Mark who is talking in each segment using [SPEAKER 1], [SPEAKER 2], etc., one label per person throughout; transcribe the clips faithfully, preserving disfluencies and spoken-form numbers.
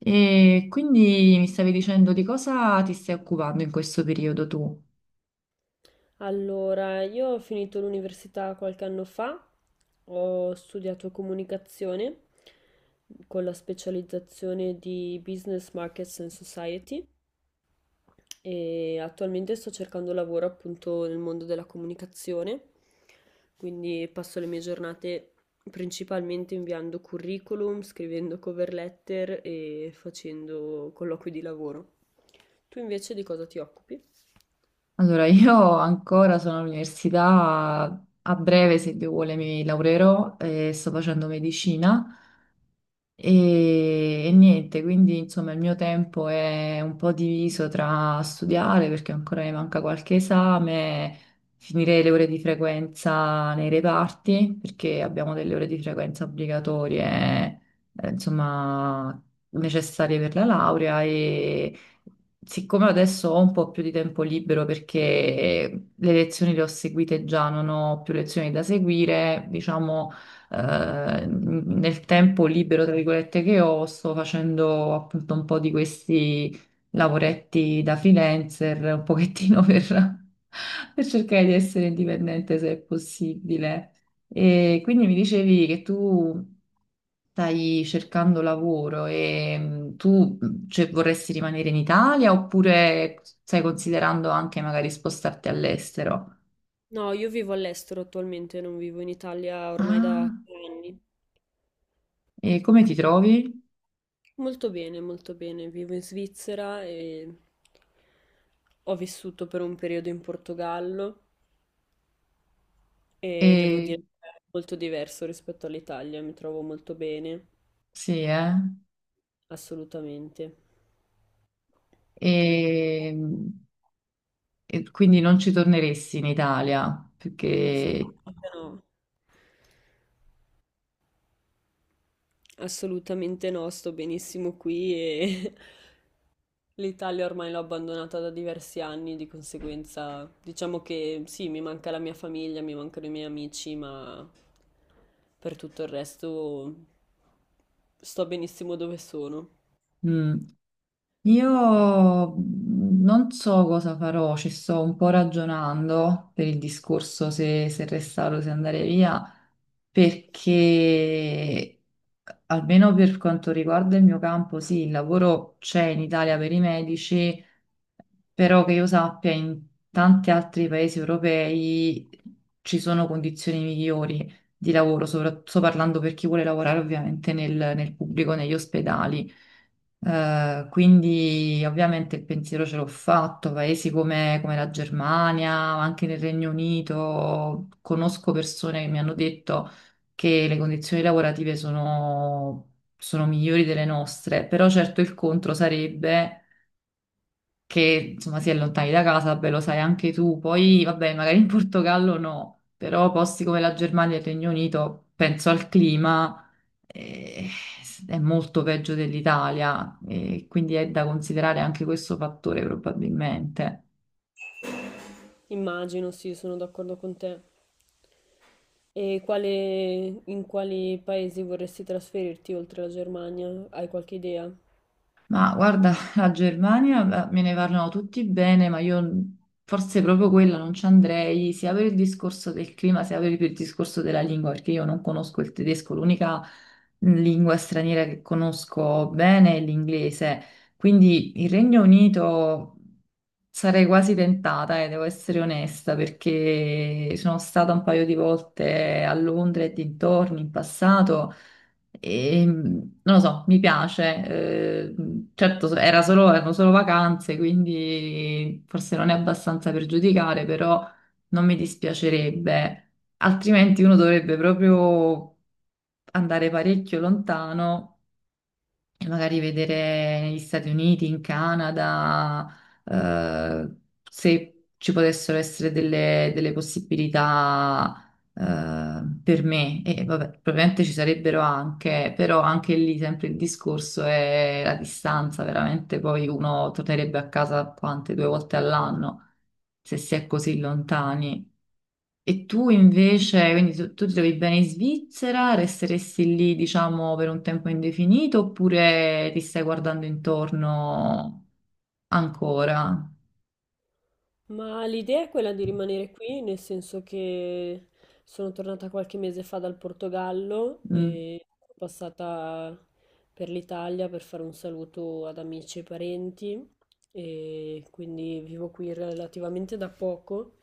[SPEAKER 1] E quindi mi stavi dicendo di cosa ti stai occupando in questo periodo tu?
[SPEAKER 2] Allora, io ho finito l'università qualche anno fa, ho studiato comunicazione con la specializzazione di Business Markets and Society e attualmente sto cercando lavoro appunto nel mondo della comunicazione, quindi passo le mie giornate principalmente inviando curriculum, scrivendo cover letter e facendo colloqui di lavoro. Tu invece di cosa ti occupi?
[SPEAKER 1] Allora, io ancora sono all'università, a breve, se Dio vuole, mi laureerò e sto facendo medicina. E, e niente, quindi insomma il mio tempo è un po' diviso tra studiare perché ancora mi manca qualche esame, finire le ore di frequenza nei reparti perché abbiamo delle ore di frequenza obbligatorie, eh, insomma, necessarie per la laurea e siccome adesso ho un po' più di tempo libero perché le lezioni le ho seguite già, non ho più lezioni da seguire, diciamo eh, nel tempo libero, tra virgolette, che ho, sto facendo appunto un po' di questi lavoretti da freelancer, un pochettino per, per cercare di essere indipendente se è possibile. E quindi mi dicevi che tu stai cercando lavoro e mh, tu mh, cioè, vorresti rimanere in Italia oppure stai considerando anche magari spostarti all'estero?
[SPEAKER 2] No, io vivo all'estero attualmente, non vivo in Italia ormai da
[SPEAKER 1] Ah,
[SPEAKER 2] tre anni.
[SPEAKER 1] e come ti trovi?
[SPEAKER 2] Molto bene, molto bene. Vivo in Svizzera e ho vissuto per un periodo in Portogallo e devo dire
[SPEAKER 1] E
[SPEAKER 2] che è molto diverso rispetto all'Italia, mi trovo molto bene,
[SPEAKER 1] Sì, eh?
[SPEAKER 2] assolutamente.
[SPEAKER 1] E, e quindi non ci torneresti in Italia perché
[SPEAKER 2] Assolutamente no, assolutamente no, sto benissimo qui e l'Italia ormai l'ho abbandonata da diversi anni, di conseguenza diciamo che sì, mi manca la mia famiglia, mi mancano i miei amici, ma per tutto il resto sto benissimo dove sono.
[SPEAKER 1] mm, io non so cosa farò, ci sto un po' ragionando per il discorso se, se restare o se andare via. Perché almeno per quanto riguarda il mio campo, sì, il lavoro c'è in Italia per i medici, però che io sappia in tanti altri paesi europei ci sono condizioni migliori di lavoro, sopra- sto parlando per chi vuole lavorare ovviamente nel, nel pubblico, negli ospedali. Eh, quindi ovviamente il pensiero ce l'ho fatto, paesi come, come la Germania, ma anche nel Regno Unito, conosco persone che mi hanno detto che le condizioni lavorative sono, sono migliori delle nostre, però certo il contro sarebbe che insomma si è lontani da casa, beh lo sai anche tu, poi vabbè magari in Portogallo no, però posti come la Germania e il Regno Unito, penso al clima eh, è molto peggio dell'Italia, e quindi è da considerare anche questo fattore probabilmente.
[SPEAKER 2] Immagino, sì, sono d'accordo con te. E quale- in quali paesi vorresti trasferirti oltre la Germania? Hai qualche idea?
[SPEAKER 1] Ma guarda, la Germania eh, me ne parlano tutti bene, ma io n- forse proprio quella non ci andrei, sia per il discorso del clima, sia per il discorso della lingua, perché io non conosco il tedesco, l'unica lingua straniera che conosco bene è l'inglese. Quindi il Regno Unito sarei quasi tentata, e devo essere onesta, perché sono stata un paio di volte a Londra e dintorni in passato. E, non lo so, mi piace. Eh, certo, era solo, erano solo vacanze, quindi forse non è abbastanza per giudicare, però non mi dispiacerebbe. Altrimenti uno dovrebbe proprio andare parecchio lontano e magari vedere negli Stati Uniti, in Canada, eh, se ci potessero essere delle, delle possibilità, eh, per me. E vabbè, probabilmente ci sarebbero anche, però anche lì sempre il discorso è la distanza, veramente poi uno tornerebbe a casa quante, due volte all'anno, se si è così lontani. E tu invece, quindi tu, tu ti trovi bene in Svizzera, resteresti lì, diciamo, per un tempo indefinito oppure ti stai guardando intorno ancora?
[SPEAKER 2] Ma l'idea è quella di rimanere qui, nel senso che sono tornata qualche mese fa dal Portogallo
[SPEAKER 1] Mm.
[SPEAKER 2] e sono passata per l'Italia per fare un saluto ad amici e parenti e quindi vivo qui relativamente da poco,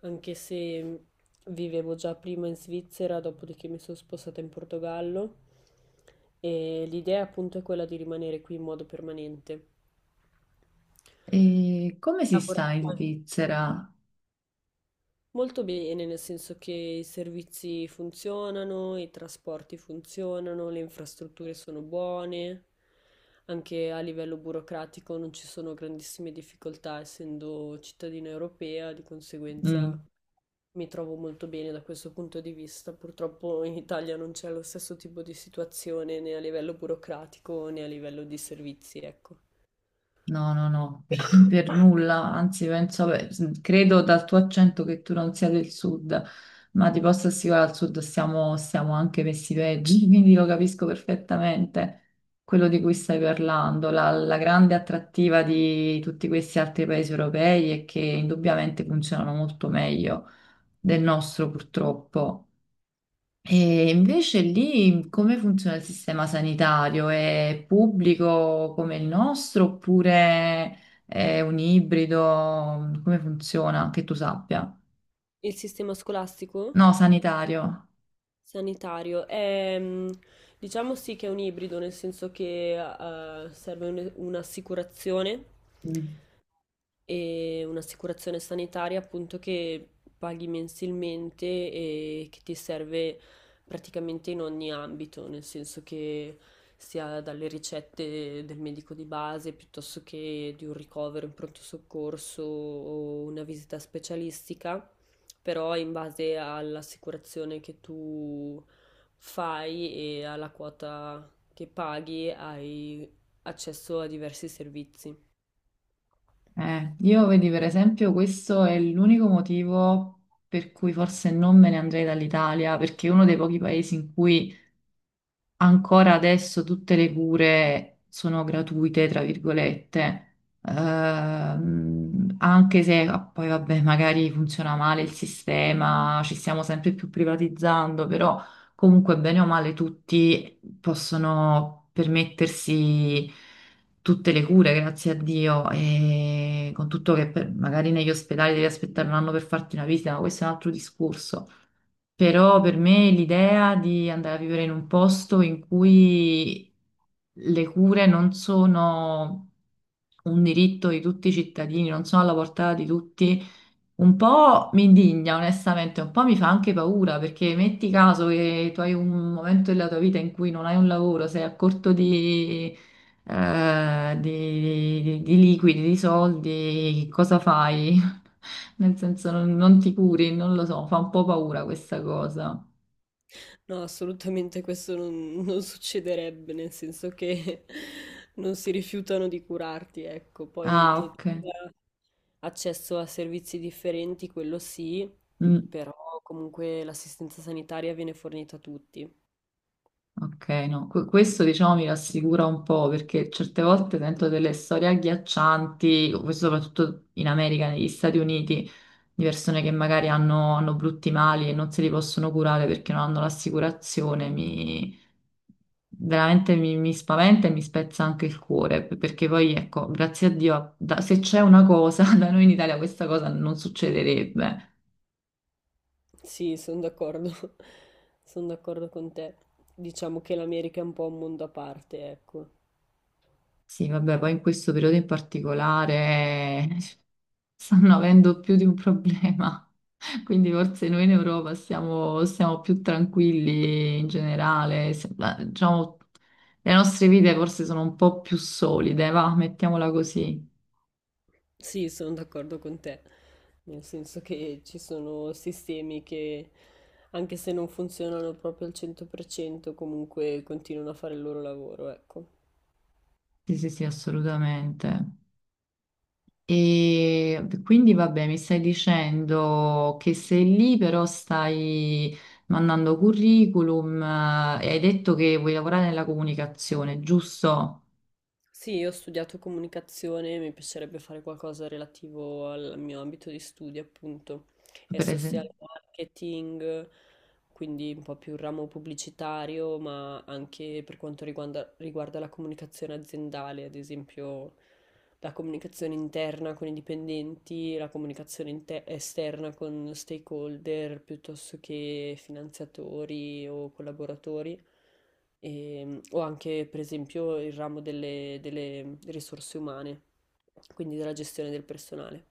[SPEAKER 2] anche se vivevo già prima in Svizzera, dopodiché mi sono spostata in Portogallo e l'idea appunto è quella di rimanere qui in modo permanente.
[SPEAKER 1] E come si sta in
[SPEAKER 2] Lavorare.
[SPEAKER 1] Svizzera?
[SPEAKER 2] Molto bene, nel senso che i servizi funzionano, i trasporti funzionano, le infrastrutture sono buone, anche a livello burocratico non ci sono grandissime difficoltà, essendo cittadina europea, di conseguenza
[SPEAKER 1] Mm.
[SPEAKER 2] mi trovo molto bene da questo punto di vista. Purtroppo in Italia non c'è lo stesso tipo di situazione né a livello burocratico né a livello di servizi, ecco.
[SPEAKER 1] No, no, no, per, non per nulla, anzi penso, beh, s- credo dal tuo accento che tu non sia del sud, ma ti posso assicurare al sud stiamo, stiamo anche messi peggio, quindi lo capisco perfettamente quello di cui stai parlando. La, la grande attrattiva di tutti questi altri paesi europei è che indubbiamente funzionano molto meglio del nostro, purtroppo. E invece lì come funziona il sistema sanitario? È pubblico come il nostro oppure è un ibrido? Come funziona? Che tu sappia.
[SPEAKER 2] Il sistema scolastico?
[SPEAKER 1] No, sanitario.
[SPEAKER 2] Sanitario, è, mm, diciamo sì che è un ibrido, nel senso che eh, serve un- un'assicurazione
[SPEAKER 1] Mm.
[SPEAKER 2] e un'assicurazione sanitaria appunto che paghi mensilmente e che ti serve praticamente in ogni ambito, nel senso che sia dalle ricette del medico di base piuttosto che di un ricovero in pronto soccorso o una visita specialistica, però in base all'assicurazione che tu fai e alla quota che paghi hai accesso a diversi servizi.
[SPEAKER 1] Eh, io vedi per esempio questo è l'unico motivo per cui forse non me ne andrei dall'Italia, perché è uno dei pochi paesi in cui ancora adesso tutte le cure sono gratuite, tra virgolette, ehm, anche se ah, poi vabbè, magari funziona male il sistema, ci stiamo sempre più privatizzando, però comunque bene o male tutti possono permettersi tutte le cure, grazie a Dio, e con tutto che per- magari negli ospedali devi aspettare un anno per farti una visita, ma questo è un altro discorso. Però per me l'idea di andare a vivere in un posto in cui le cure non sono un diritto di tutti i cittadini, non sono alla portata di tutti, un po' mi indigna, onestamente, un po' mi fa anche paura, perché metti caso che tu hai un momento della tua vita in cui non hai un lavoro, sei a corto di, eh, di di- di liquidi, di soldi, cosa fai? Nel senso non, non ti curi, non lo so, fa un po' paura questa cosa.
[SPEAKER 2] No, assolutamente questo non, non succederebbe, nel senso che non si rifiutano di curarti, ecco, poi
[SPEAKER 1] Ah,
[SPEAKER 2] che tu
[SPEAKER 1] ok.
[SPEAKER 2] abbia accesso a servizi differenti, quello sì,
[SPEAKER 1] Mm.
[SPEAKER 2] però comunque l'assistenza sanitaria viene fornita a tutti.
[SPEAKER 1] Ok, no, que- questo diciamo mi rassicura un po' perché certe volte sento delle storie agghiaccianti, questo soprattutto in America, negli Stati Uniti, di persone che magari hanno, hanno brutti mali e non se li possono curare perché non hanno l'assicurazione, mi, veramente mi, mi spaventa e mi spezza anche il cuore, p- perché poi ecco, grazie a Dio, da- se c'è una cosa, da noi in Italia questa cosa non succederebbe.
[SPEAKER 2] Sì, sono d'accordo, sono d'accordo con te. Diciamo che l'America è un po' un mondo a parte, ecco.
[SPEAKER 1] Sì, vabbè, poi in questo periodo in particolare... stanno avendo più di un problema. Quindi forse noi in Europa siamo, siamo più tranquilli in generale, se- la- diciamo, le nostre vite forse sono un po' più solide, va, mettiamola così.
[SPEAKER 2] Sì, sono d'accordo con te, nel senso che ci sono sistemi che, anche se non funzionano proprio al cento per cento, comunque continuano a fare il loro lavoro, ecco.
[SPEAKER 1] Sì, sì, sì, assolutamente. E quindi vabbè, mi stai dicendo che sei lì, però stai mandando curriculum eh, e hai detto che vuoi lavorare nella comunicazione, giusto?
[SPEAKER 2] Sì, io ho studiato comunicazione, mi piacerebbe fare qualcosa relativo al mio ambito di studio, appunto, e
[SPEAKER 1] Per
[SPEAKER 2] social
[SPEAKER 1] esempio.
[SPEAKER 2] marketing, quindi un po' più il ramo pubblicitario, ma anche per quanto riguarda, riguarda la comunicazione aziendale, ad esempio la comunicazione interna con i dipendenti, la comunicazione inte- esterna con stakeholder, piuttosto che finanziatori o collaboratori ehm, o anche per esempio il ramo delle, delle risorse umane, quindi della gestione del personale.